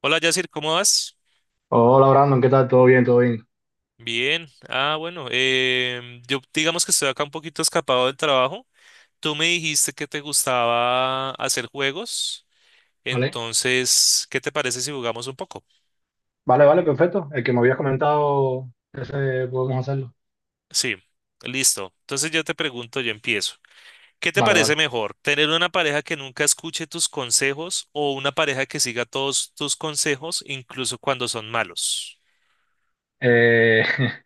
Hola, Yacir, ¿cómo vas? Hola, Brandon, ¿qué tal? ¿Todo bien? Bien. Ah, bueno, yo digamos que estoy acá un poquito escapado del trabajo. Tú me dijiste que te gustaba hacer juegos, ¿Vale? entonces, ¿qué te parece si jugamos un poco? Vale, perfecto. El que me habías comentado, ese podemos hacerlo. Sí, listo. Entonces yo te pregunto, yo empiezo. ¿Qué te Vale, parece vale. mejor, tener una pareja que nunca escuche tus consejos o una pareja que siga todos tus consejos, incluso cuando son malos? Eh,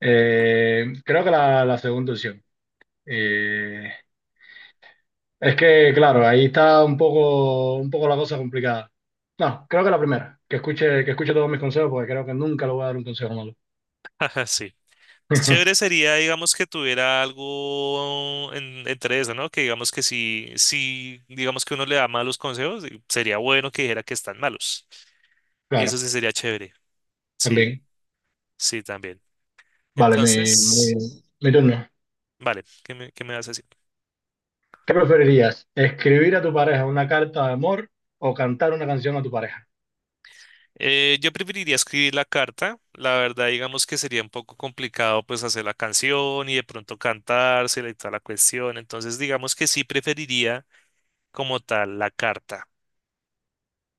creo que la segunda opción. Eh, es que, claro, ahí está un poco la cosa complicada. No, creo que la primera, que escuche todos mis consejos, porque creo que nunca le voy a dar un consejo malo. Ajá, sí. Chévere sería, digamos, que tuviera algo entre eso, ¿no? Que digamos que si, si, digamos que uno le da malos consejos, y sería bueno que dijera que están malos. Eso Claro, sí sería chévere. Sí, también. sí, también. Vale, Entonces, mi turno. vale, ¿ qué me vas a decir? ¿Qué preferirías? ¿Escribir a tu pareja una carta de amor o cantar una canción a tu pareja? Yo preferiría escribir la carta. La verdad, digamos que sería un poco complicado, pues, hacer la canción y de pronto cantársela y toda la cuestión. Entonces, digamos que sí preferiría como tal la carta.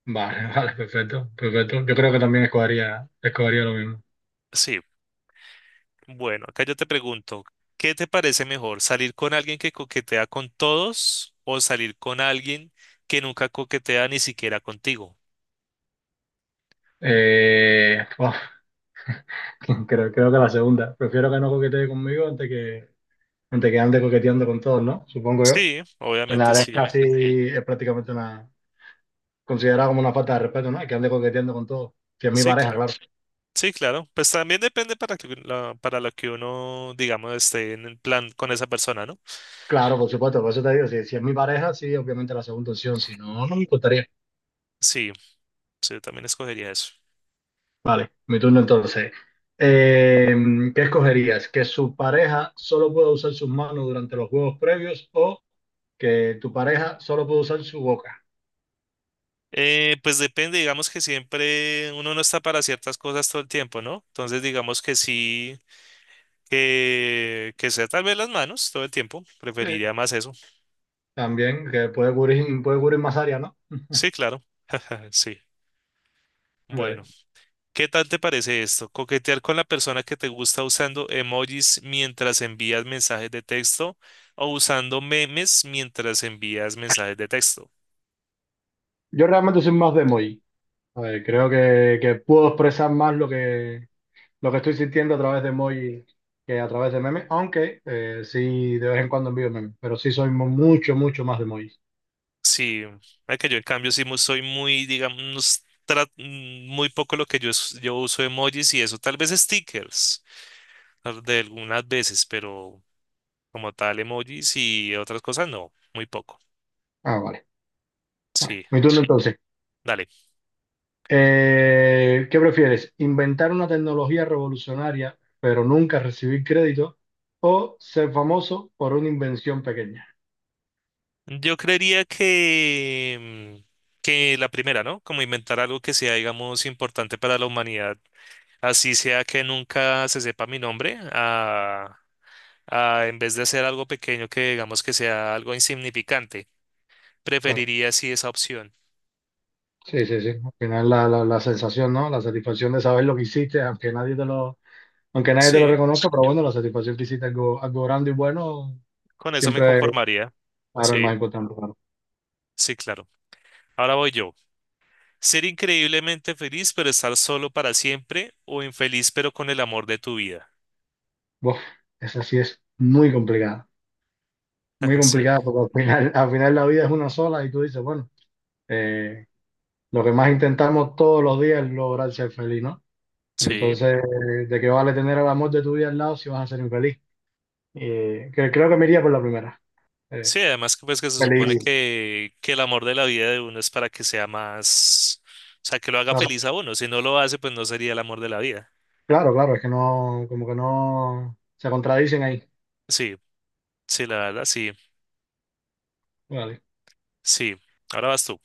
Vale, vale, perfecto, perfecto. Yo creo que también escogería lo mismo. Sí. Bueno, acá yo te pregunto, ¿qué te parece mejor, salir con alguien que coquetea con todos o salir con alguien que nunca coquetea ni siquiera contigo? Uf, creo que la segunda. Prefiero que no coquetee conmigo antes que ande coqueteando con todos, ¿no? Supongo yo. Sí, Que obviamente nada, sí. Es prácticamente considerada como una falta de respeto, ¿no? Que ande coqueteando con todos. Si es mi Sí, pareja, claro. claro. Sí, claro. Pues también depende para para lo que uno, digamos, esté en el plan con esa persona, ¿no? Claro, por supuesto, por eso te digo, si es mi pareja, sí, obviamente la segunda opción, si no, no me importaría. Sí, sí, yo también escogería eso. Vale, mi turno entonces. Eh, ¿Qué escogerías? ¿Que su pareja solo pueda usar sus manos durante los juegos previos o que tu pareja solo pueda usar su boca? Pues depende, digamos que siempre uno no está para ciertas cosas todo el tiempo, ¿no? Entonces, digamos que sí, que sea tal vez las manos todo el tiempo, preferiría Sí. más eso. También, que puede cubrir más área, ¿no? Sí, claro. Sí. Vale. Bueno, ¿qué tal te parece esto? Coquetear con la persona que te gusta usando emojis mientras envías mensajes de texto o usando memes mientras envías mensajes de texto. Yo realmente soy más de emoji. A ver, creo que puedo expresar más lo que estoy sintiendo a través de emoji que a través de memes, aunque sí de vez en cuando envío memes, pero sí mucho más de emoji. Sí, mira que yo en cambio soy muy, digamos, muy poco lo que yo uso emojis y eso, tal vez stickers de algunas veces, pero como tal emojis y otras cosas no, muy poco. Ah, vale. Vale, Sí, mi turno entonces. dale. ¿Qué prefieres? ¿Inventar una tecnología revolucionaria pero nunca recibir crédito? ¿O ser famoso por una invención pequeña? Yo creería mm, que la primera, ¿no? Como inventar algo que sea, digamos, importante para la humanidad. Así sea que nunca se sepa mi nombre, a en vez de hacer algo pequeño que digamos que sea algo insignificante. Claro, Preferiría sí esa opción. sí, sí, sí. Al final la sensación, ¿no? La satisfacción de saber lo que hiciste, aunque nadie te lo Sí, reconozca, pero bueno, la satisfacción que hiciste algo, algo grande y bueno, con eso me siempre, conformaría. claro, es Sí, más importante, claro. sí, claro. Ahora voy yo. Ser increíblemente feliz pero estar solo para siempre o infeliz pero con el amor de tu vida. Buf, esa sí es muy Sí, complicada porque al final la vida es una sola y tú dices, bueno. eh, Lo que más intentamos todos los días es lograr ser feliz, ¿no? sí. Entonces, ¿de qué vale tener al amor de tu vida al lado si vas a ser infeliz? Creo que me iría por la primera. Eh, Sí, además que pues que se supone feliz, que el amor de la vida de uno es para que sea más, o sea, que lo haga claro, feliz a uno. Si no lo hace, pues no sería el amor de la vida. claro, claro, es que no, como que no se contradicen ahí. Sí, sí, la verdad, sí, Vale, sí. Ahora vas tú.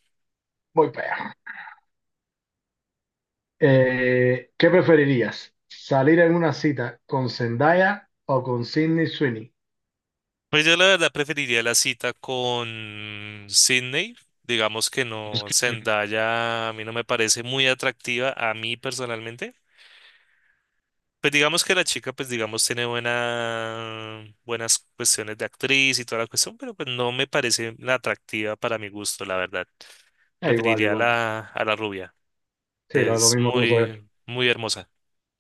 voy para allá. ¿Qué preferirías? ¿Salir en una cita con Zendaya o con Sydney Sweeney? Pues yo la verdad preferiría la cita con Sydney. Digamos que no, Zendaya a mí no me parece muy atractiva a mí personalmente. Pues digamos que la chica, pues digamos, tiene buena, buenas cuestiones de actriz y toda la cuestión, pero pues no me parece la atractiva para mi gusto, la verdad. Preferiría a Igual. A la rubia. Sí, lo Es mismo que nosotros. muy, muy hermosa,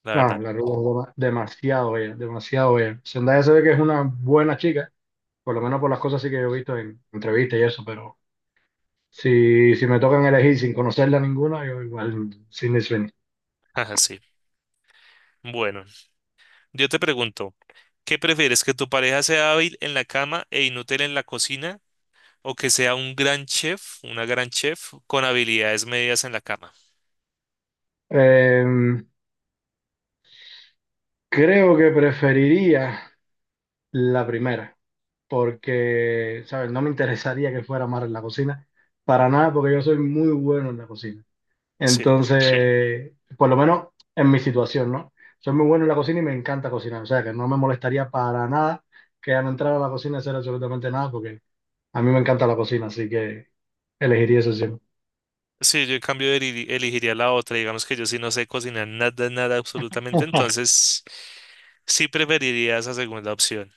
la No, verdad. la rubia es demasiado bella, demasiado bella. Zendaya se ve que es una buena chica, por lo menos por las cosas sí que yo he visto en entrevistas y eso, pero si me tocan elegir sin conocerla ninguna, yo igual Sydney Sweeney. Ajá, sí. Bueno, yo te pregunto, ¿qué prefieres? ¿Que tu pareja sea hábil en la cama e inútil en la cocina? ¿O que sea un gran chef, una gran chef con habilidades medias en la cama? Eh, creo que preferiría la primera, porque, ¿sabes? No me interesaría que fuera más en la cocina, para nada, porque yo soy muy bueno en la cocina. Sí. Sí. Entonces, por lo menos en mi situación, ¿no? Soy muy bueno en la cocina y me encanta cocinar, o sea que no me molestaría para nada que al entrar a la cocina hacer absolutamente nada, porque a mí me encanta la cocina, así que elegiría eso siempre. Sí, yo en cambio elegiría la otra. Digamos que yo sí no sé cocinar nada, nada, absolutamente. Entonces, sí preferiría esa segunda opción.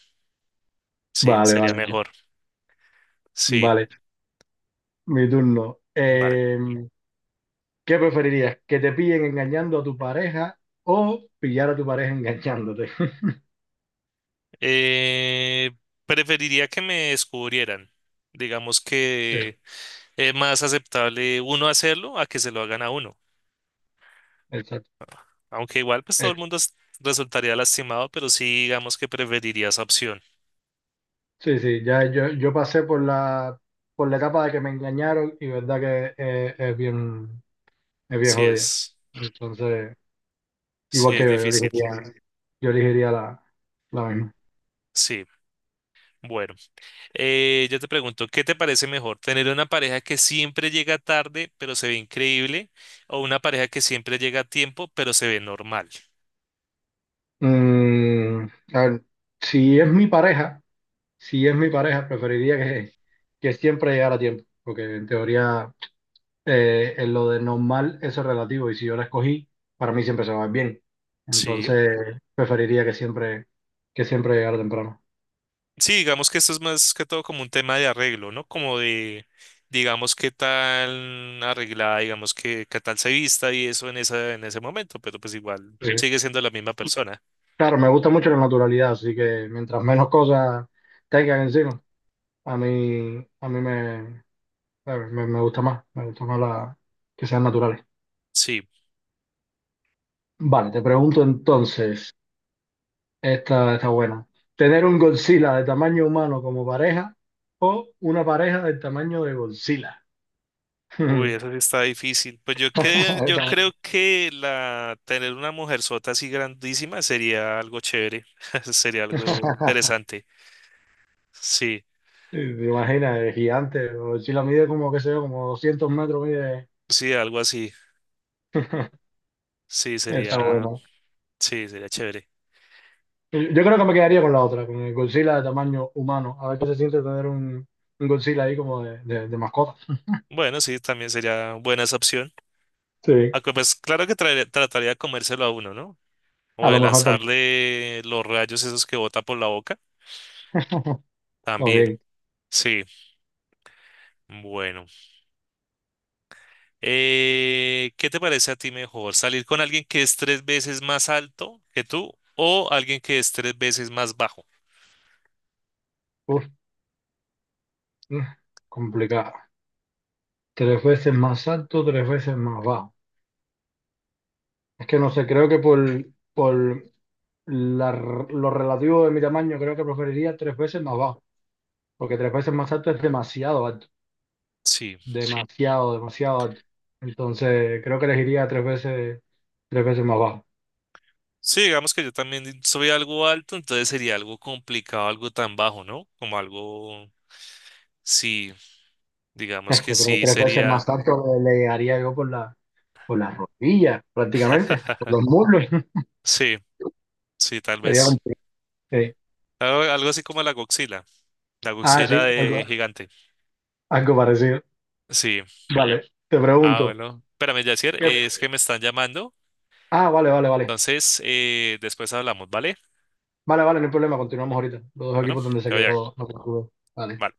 Sí, Vale, sería vale, vale. mejor. Sí, Vale, mi turno. vale. ¿Qué preferirías? ¿Que te pillen engañando a tu pareja o pillar a tu pareja engañándote? Eh, preferiría que me descubrieran. Digamos Sí. que es más aceptable uno hacerlo a que se lo hagan a uno. Exacto. Aunque igual, pues todo Eh, el mundo resultaría lastimado, pero sí, digamos que preferiría esa opción. sí, sí, ya yo pasé por por la etapa de que me engañaron y verdad que es bien Sí jodida. es, Entonces, sí igual que es yo difícil. Yo elegiría la misma. Sí, bueno. Yo te pregunto, ¿qué te parece mejor? ¿Tener una pareja que siempre llega tarde, pero se ve increíble? ¿O una pareja que siempre llega a tiempo, pero se ve normal? Mm, a ver, si es mi pareja. si es mi pareja, preferiría que siempre llegara a tiempo, porque en teoría en lo de normal eso es relativo y si yo la escogí, para mí siempre se va a ver bien. Sí. Entonces, que siempre llegara temprano. Sí, digamos que esto es más que todo como un tema de arreglo, ¿no? Como de, digamos, qué tan arreglada, digamos, qué tal se vista y eso en esa, en ese momento, pero pues igual Sí. sigue siendo la misma persona. Claro, me gusta mucho la naturalidad, así que mientras menos cosas tengan encima, a mí me, me, me gusta más, que sean naturales. Sí. Vale, te pregunto entonces. Está buena. Tener un Godzilla de tamaño humano como pareja o una pareja del tamaño de Godzilla. Uy, eso sí está difícil. Pues yo Está- creo que la tener una mujer sota así grandísima sería algo chévere, sería algo interesante. Sí, ¿te imaginas, el gigante? Godzilla mide como, qué sé yo, como 200 metros mide. sí, algo así. Sí, Está sería, bueno. sí, sería chévere. Yo creo que me quedaría con la otra, con el Godzilla de tamaño humano. A ver qué se siente tener un Godzilla ahí como de mascota. Bueno, sí, también sería buena esa opción. Sí, Aunque pues claro que trataría de comérselo a uno, ¿no? a O lo de mejor también. lanzarle los rayos esos que bota por la boca. Está También. bien. Sí, bueno. ¿Qué te parece a ti mejor? ¿Salir con alguien que es tres veces más alto que tú o alguien que es tres veces más bajo? Uf, mm, complicado. Tres veces más alto, tres veces más bajo. Es que no sé, creo que por lo relativo de mi tamaño, creo que preferiría tres veces más bajo, porque tres veces más alto es demasiado alto. Sí. Sí. Demasiado, demasiado alto. Entonces, creo que elegiría tres veces más bajo. Sí, digamos que yo también soy algo alto, entonces sería algo complicado, algo tan bajo, ¿no? Como algo, sí, digamos Es que que pero sí tres veces más sería, alto le llegaría yo por por las rodillas, prácticamente, por los muslos. sí, sí, tal Sería un- vez. sí. Algo, algo así como la Ah, sí, Godzilla algo, de gigante. algo parecido. Sí. Vale, te Ah, pregunto. bueno. Espérame, Yacier, ¿qué- es que me están llamando, Ah, vale, vale, vale. entonces después hablamos, ¿vale? Vale, vale, no hay problema, continuamos ahorita. Los dos Bueno, equipos donde se te voy a. quedó, no me acuerdo. Vale. Vale.